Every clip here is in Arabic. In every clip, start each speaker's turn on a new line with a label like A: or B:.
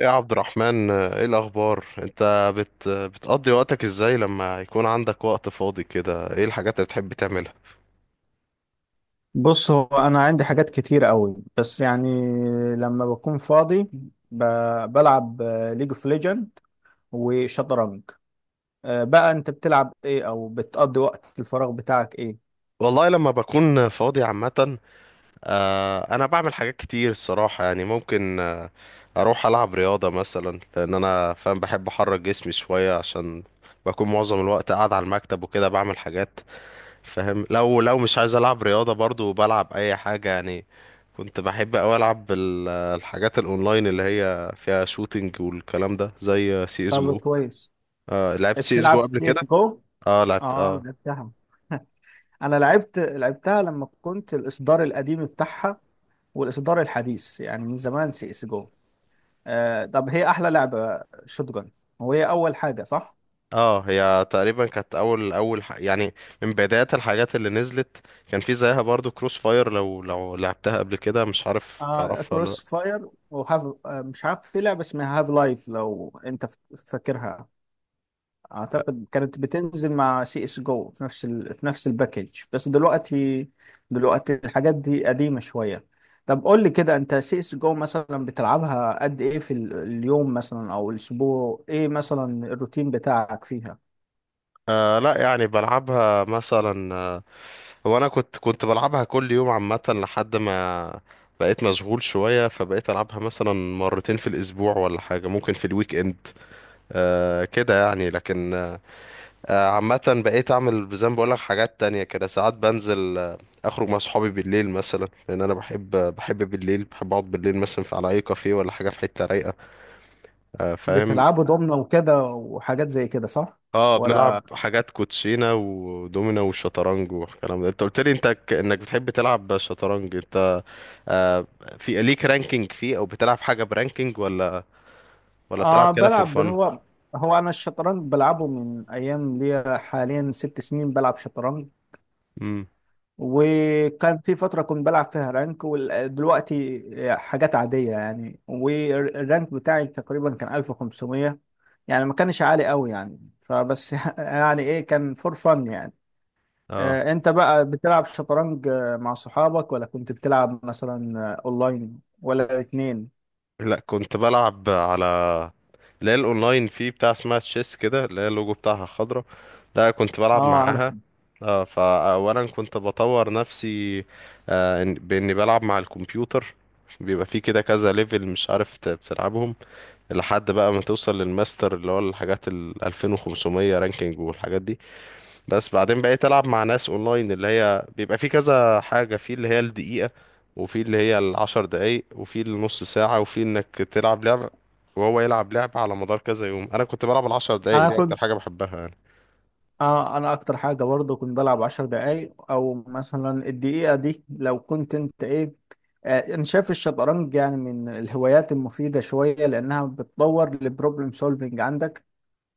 A: يا عبد الرحمن، ايه الاخبار؟ انت بتقضي وقتك ازاي لما يكون عندك وقت فاضي كده؟ ايه الحاجات اللي بتحب تعملها؟
B: بص هو انا عندي حاجات كتير قوي بس يعني لما بكون فاضي ب... بلعب ليج اوف ليجند وشطرنج. بقى انت بتلعب ايه او بتقضي وقت الفراغ بتاعك ايه؟
A: والله لما بكون فاضي عامة، انا بعمل حاجات كتير الصراحة. يعني ممكن اروح العب رياضة مثلا، لان انا فاهم بحب احرك جسمي شوية، عشان بكون معظم الوقت قاعد على المكتب وكده بعمل حاجات. فاهم، لو مش عايز العب رياضه برضو بلعب اي حاجه. يعني كنت بحب اوي العب الحاجات الاونلاين اللي هي فيها شوتينج والكلام ده، زي سي اس
B: طب
A: جو.
B: كويس.
A: آه لعبت سي اس
B: بتلعب
A: جو قبل
B: سي اس
A: كده،
B: جو؟
A: اه لعبت
B: اه
A: اه.
B: لعبتها. انا لعبت لعبتها لما كنت الاصدار القديم بتاعها والاصدار الحديث، يعني من زمان سي اس جو. طب هي احلى لعبة شوتجن وهي اول حاجة، صح؟
A: اه هي تقريبا كانت اول يعني من بدايات الحاجات اللي نزلت. كان في زيها برضو كروس فاير، لو لعبتها قبل كده. مش عارف
B: آه،
A: تعرفها ولا لا.
B: كروس فاير. وهاف، آه مش عارف، في لعبة اسمها هاف لايف لو انت فاكرها. اعتقد كانت بتنزل مع سي اس جو في في نفس الباكج، بس دلوقتي دلوقتي الحاجات دي قديمة شوية. طب قول لي كده، انت سي اس جو مثلا بتلعبها قد ايه في اليوم مثلا او الاسبوع، ايه مثلا الروتين بتاعك فيها؟
A: آه لا، يعني بلعبها مثلا. هو انا كنت بلعبها كل يوم عامه لحد ما بقيت مشغول شويه، فبقيت العبها مثلا مرتين في الاسبوع ولا حاجه، ممكن في الويك اند. آه كده يعني، لكن عامه بقيت اعمل زي ما بقول لك حاجات تانية كده. ساعات بنزل، اخرج مع صحابي بالليل مثلا، لان انا بحب بالليل، بحب اقعد بالليل مثلا في على اي كافيه ولا حاجه في حته رايقه. آه فاهم.
B: بتلعبه ضمنه وكده وحاجات زي كده، صح؟
A: اه بنلعب
B: ولا.
A: حاجات كوتشينه ودومينو والشطرنج والكلام ده. انت قلت لي انت انك بتحب تلعب شطرنج، انت. آه في ليك رانكينج فيه، او بتلعب حاجه برانكينج ولا بتلعب
B: آه
A: كده فور
B: بلعب.
A: فن؟
B: هو أنا الشطرنج بلعبه من أيام ليا، حاليا ست سنين بلعب شطرنج.
A: امم.
B: وكان في فترة كنت بلعب فيها رانك، ودلوقتي حاجات عادية يعني، والرانك بتاعي تقريبا كان 1500، يعني ما كانش عالي قوي يعني فبس. يعني إيه، كان فور فن يعني.
A: اه
B: آه، أنت بقى بتلعب شطرنج مع صحابك، ولا كنت بتلعب مثلا أونلاين، ولا الاتنين؟
A: لا، كنت بلعب على اللي هي الاونلاين فيه، بتاع اسمها تشيس كده، اللي هي اللوجو بتاعها خضرا، ده كنت بلعب
B: اه عارف.
A: معاها. اه فاولا كنت بطور نفسي، باني بلعب مع الكمبيوتر. بيبقى فيه كده كذا ليفل، مش عارف بتلعبهم لحد بقى ما توصل للماستر اللي هو الحاجات ال 2500 رانكينج والحاجات دي. بس بعدين بقيت العب مع ناس اونلاين، اللي هي بيبقى في كذا حاجه، في اللي هي الدقيقه، وفي اللي هي العشر دقايق، وفي النص ساعه، وفي انك تلعب لعبه وهو يلعب لعبه على مدار كذا يوم. انا كنت بلعب العشر دقايق
B: انا
A: دي اكتر
B: كنت
A: حاجه بحبها يعني.
B: اه انا اكتر حاجه برضه كنت بلعب عشر دقايق، او مثلا الدقيقه دي، لو كنت انت ايه. آه انا شايف الشطرنج يعني من الهوايات المفيده شويه، لانها بتطور البروبلم سولفنج عندك.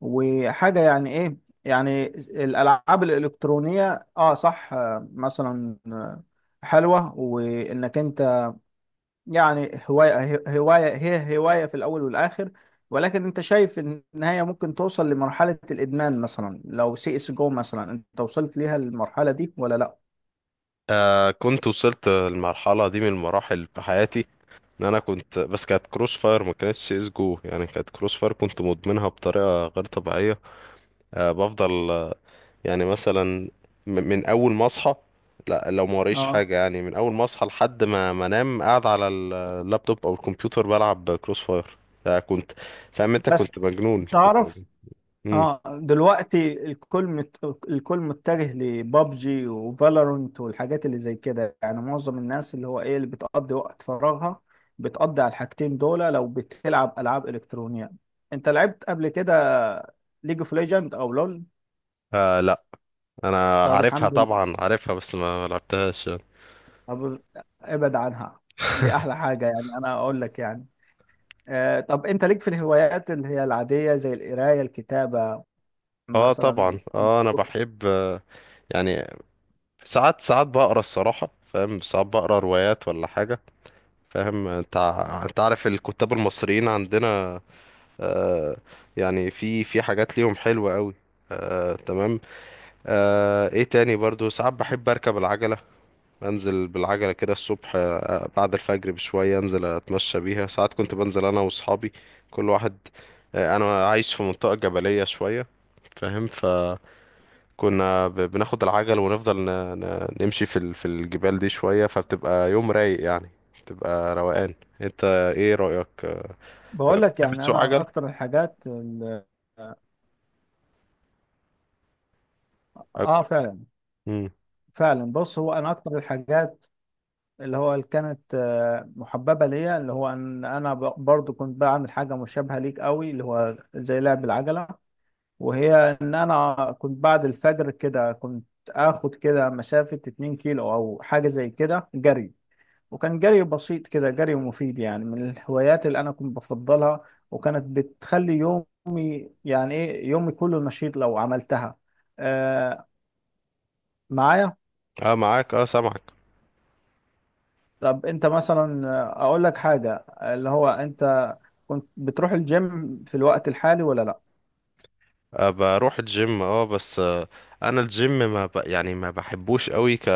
B: وحاجه يعني ايه، يعني الالعاب الالكترونيه اه صح. آه مثلا آه، حلوه وانك انت، يعني هواية هي هواية في الأول والآخر. ولكن أنت شايف إن النهاية ممكن توصل لمرحلة الإدمان، مثلا لو سي اس جو مثلا أنت وصلت ليها المرحلة دي ولا لأ؟
A: آه كنت وصلت المرحله دي من المراحل في حياتي، ان انا كنت، بس كانت كروس فاير ما كانتش سي اس جو. يعني كانت كروس فاير، كنت مدمنها بطريقه غير طبيعيه. آه بفضل، يعني مثلا من اول ما اصحى، لا لو ما وريش
B: اه
A: حاجه، يعني من اول ما اصحى لحد ما انام قاعد على اللابتوب او الكمبيوتر بلعب كروس فاير. ده كنت، فاهم انت،
B: بس
A: كنت مجنون. كنت
B: تعرف.
A: مجنون. امم.
B: اه دلوقتي الكل متجه لبابجي وفالورنت والحاجات اللي زي كده، يعني معظم الناس، اللي هو ايه، اللي بتقضي وقت فراغها بتقضي على الحاجتين دول لو بتلعب العاب الكترونيه. انت لعبت قبل كده ليج اوف ليجند او لول؟
A: آه لا، انا
B: طب
A: عارفها
B: الحمد.
A: طبعا عارفها، بس ما لعبتهاش يعني.
B: طب ابعد عنها، دي احلى حاجة يعني، انا اقول لك يعني. آه طب انت ليك في الهوايات اللي هي العادية زي القراية الكتابة
A: اه
B: مثلا؟
A: طبعا، اه انا بحب، يعني ساعات بقرا الصراحه، فاهم، ساعات بقرا روايات ولا حاجه. فاهم، انت انت عارف الكتاب المصريين عندنا. آه، يعني في حاجات ليهم حلوة قوي. آه تمام. آه ايه تاني؟ برضو ساعات بحب اركب العجلة. انزل بالعجلة كده الصبح آه بعد الفجر بشوية، انزل اتمشى بيها. ساعات كنت بنزل انا واصحابي، كل واحد، آه انا عايش في منطقة جبلية شوية، فاهم، فكنا بناخد العجل ونفضل نمشي في في الجبال دي شوية، فبتبقى يوم رايق يعني، بتبقى روقان. انت، ايه رأيك؟
B: بقول لك
A: تحب
B: يعني
A: تسوق
B: انا
A: عجل؟
B: اكتر اه.
A: أب-
B: فعلا.
A: مم.
B: فعلا بص، هو انا اكتر الحاجات اللي هو اللي كانت محببة ليا، اللي هو ان انا برضو كنت بعمل حاجة مشابهة ليك قوي، اللي هو زي لعب العجلة. وهي ان انا كنت بعد الفجر كده كنت اخد كده مسافة 2 كيلو او حاجة زي كده جري. وكان جري بسيط كده، جري مفيد، يعني من الهوايات اللي انا كنت بفضلها. وكانت بتخلي يومي، يعني ايه، يومي كله نشيط لو عملتها. آه معايا.
A: اه معاك اه سامعك.
B: طب انت مثلا اقول لك حاجة، اللي هو انت كنت بتروح الجيم في الوقت الحالي ولا لا؟
A: آه بروح الجيم اه، بس آه انا الجيم ما ب... يعني ما بحبوش قوي،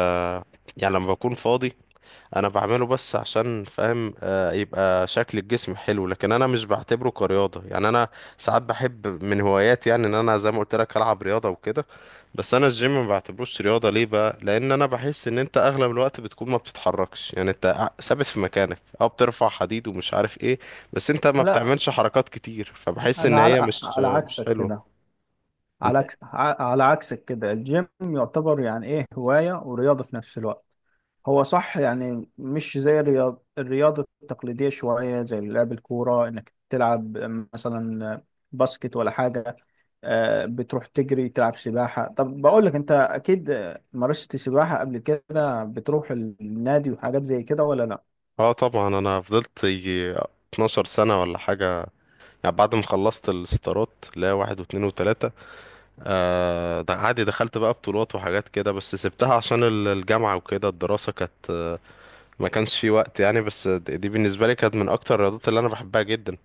A: يعني لما بكون فاضي انا بعمله، بس عشان فاهم يبقى شكل الجسم حلو، لكن انا مش بعتبره كرياضة. يعني انا ساعات بحب من هواياتي، يعني ان انا زي ما قلت لك العب رياضة وكده. بس انا الجيم ما بعتبروش رياضة. ليه بقى؟ لان انا بحس ان انت اغلب الوقت بتكون ما بتتحركش، يعني انت ثابت في مكانك، او بترفع حديد ومش عارف ايه. بس انت ما
B: لا
A: بتعملش حركات كتير، فبحس ان
B: انا
A: هي
B: على
A: مش مش
B: عكسك
A: حلوة.
B: كده، على
A: انت.
B: على عكسك كده، الجيم يعتبر يعني ايه هواية ورياضة في نفس الوقت. هو صح يعني، مش زي الرياضة التقليدية شوية، زي لعب الكورة، انك تلعب مثلا باسكت ولا حاجة. بتروح تجري، تلعب سباحة. طب بقول لك، انت اكيد مارست سباحة قبل كده، بتروح النادي وحاجات زي كده ولا لا؟
A: اه طبعا، انا فضلت يجي 12 سنة ولا حاجة، يعني بعد ما خلصت الستارات، لا واحد واتنين وتلاتة. آه ده عادي، دخلت بقى بطولات وحاجات كده، بس سبتها عشان الجامعة وكده، الدراسة كانت ما كانش في وقت يعني. بس دي بالنسبة لي كانت من أكتر الرياضات اللي أنا بحبها جدا.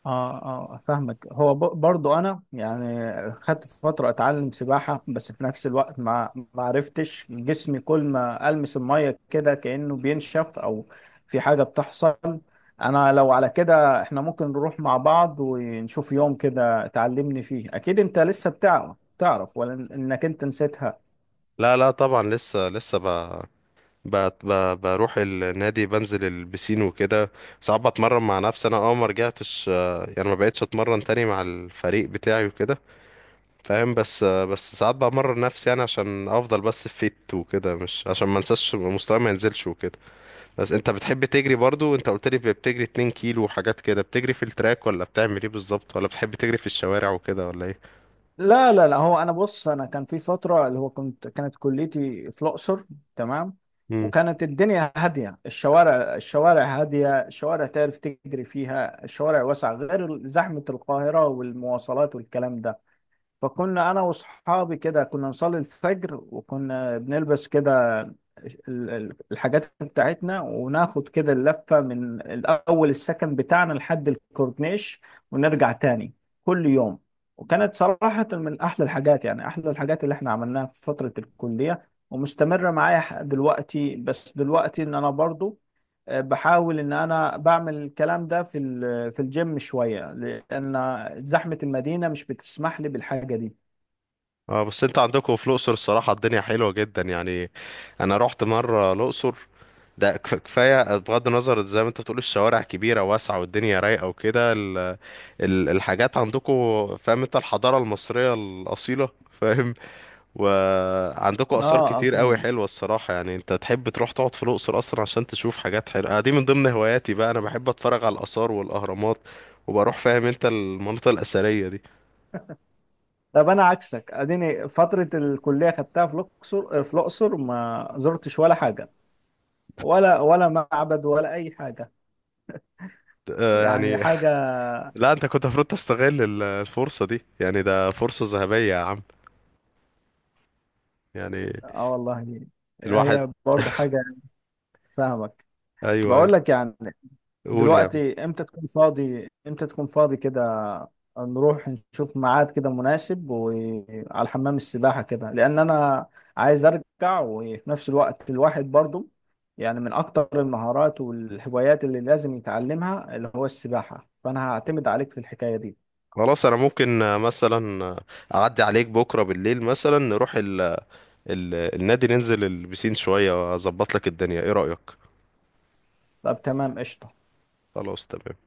B: اه اه فاهمك. هو برضو انا يعني خدت فتره اتعلم سباحه، بس في نفس الوقت ما عرفتش جسمي، كل ما المس الميه كده كانه بينشف او في حاجه بتحصل. انا لو على كده احنا ممكن نروح مع بعض ونشوف يوم كده تعلمني فيه، اكيد انت لسه بتعرف تعرف، ولا انك انت نسيتها؟
A: لا لا طبعا، لسه ب... بروح النادي، بنزل البسين وكده. ساعات بتمرن مع نفسي أنا، اه ما رجعتش، يعني ما بقتش أتمرن تاني مع الفريق بتاعي وكده، فاهم. بس ساعات بمرن نفسي يعني عشان أفضل بس فيت وكده، مش عشان ما انساش، مستواي ما ينزلش وكده. بس انت بتحب تجري برضو؟ انت قلت لي بتجري 2 كيلو وحاجات كده. بتجري في التراك، ولا بتعمل ايه بالظبط؟ ولا بتحب تجري في الشوارع وكده ولا ايه؟
B: لا لا لا، هو انا بص، انا كان في فتره اللي هو كنت كانت كليتي في الاقصر. تمام.
A: مم.
B: وكانت الدنيا هاديه، الشوارع الشوارع هاديه، الشوارع تعرف تجري فيها، الشوارع واسعه، غير زحمه القاهره والمواصلات والكلام ده. فكنا انا واصحابي كده كنا نصلي الفجر، وكنا بنلبس كده الحاجات بتاعتنا، وناخد كده اللفة من الاول السكن بتاعنا لحد الكورنيش ونرجع تاني، كل يوم. وكانت صراحة من احلى الحاجات، يعني احلى الحاجات اللي احنا عملناها في فترة الكلية، ومستمرة معايا دلوقتي. بس دلوقتي ان انا برضو بحاول ان انا بعمل الكلام ده في في الجيم شوية، لأن زحمة المدينة مش بتسمح لي بالحاجة دي.
A: اه، بس انت عندكم في الاقصر الصراحه الدنيا حلوه جدا يعني. انا رحت مره الاقصر، ده كفايه. بغض النظر، زي ما انت بتقول، الشوارع كبيره واسعه والدنيا رايقه وكده الحاجات عندكم، فاهم انت، الحضاره المصريه الاصيله، فاهم. وعندكم
B: اه
A: آثار
B: اه
A: كتير قوي
B: فاهم.
A: حلوة الصراحة يعني. انت تحب تروح تقعد في الأقصر أصلا عشان تشوف حاجات حلوة. دي من ضمن هواياتي بقى، أنا بحب أتفرج على الآثار والأهرامات وبروح، فاهم انت، المناطق الأثرية دي.
B: طب أنا عكسك، أديني فترة الكلية خدتها في الأقصر، في الأقصر ما زرتش ولا حاجة، ولا ولا معبد ولا أي حاجة،
A: آه،
B: يعني
A: يعني
B: حاجة.
A: لا انت كنت المفروض تستغل الفرصة دي، يعني ده فرصة ذهبية يا عم. يعني
B: آه والله،
A: الواحد.
B: هي برضه حاجة. فاهمك.
A: ايوه ايوه.
B: بقول لك يعني،
A: قول يا عم.
B: دلوقتي امتى تكون فاضي، امتى تكون فاضي كده نروح نشوف ميعاد كده مناسب وعلى حمام السباحة كده، لأن أنا عايز أرجع. وفي نفس الوقت الواحد برضو يعني من أكتر المهارات والهوايات اللي لازم يتعلمها اللي هو السباحة، فأنا هعتمد عليك في الحكاية دي.
A: خلاص انا ممكن مثلا اعدي عليك بكرة بالليل مثلا، نروح النادي، ننزل البسين شوية واظبط لك الدنيا. ايه رأيك؟
B: طب تمام، قشطة.
A: خلاص تمام.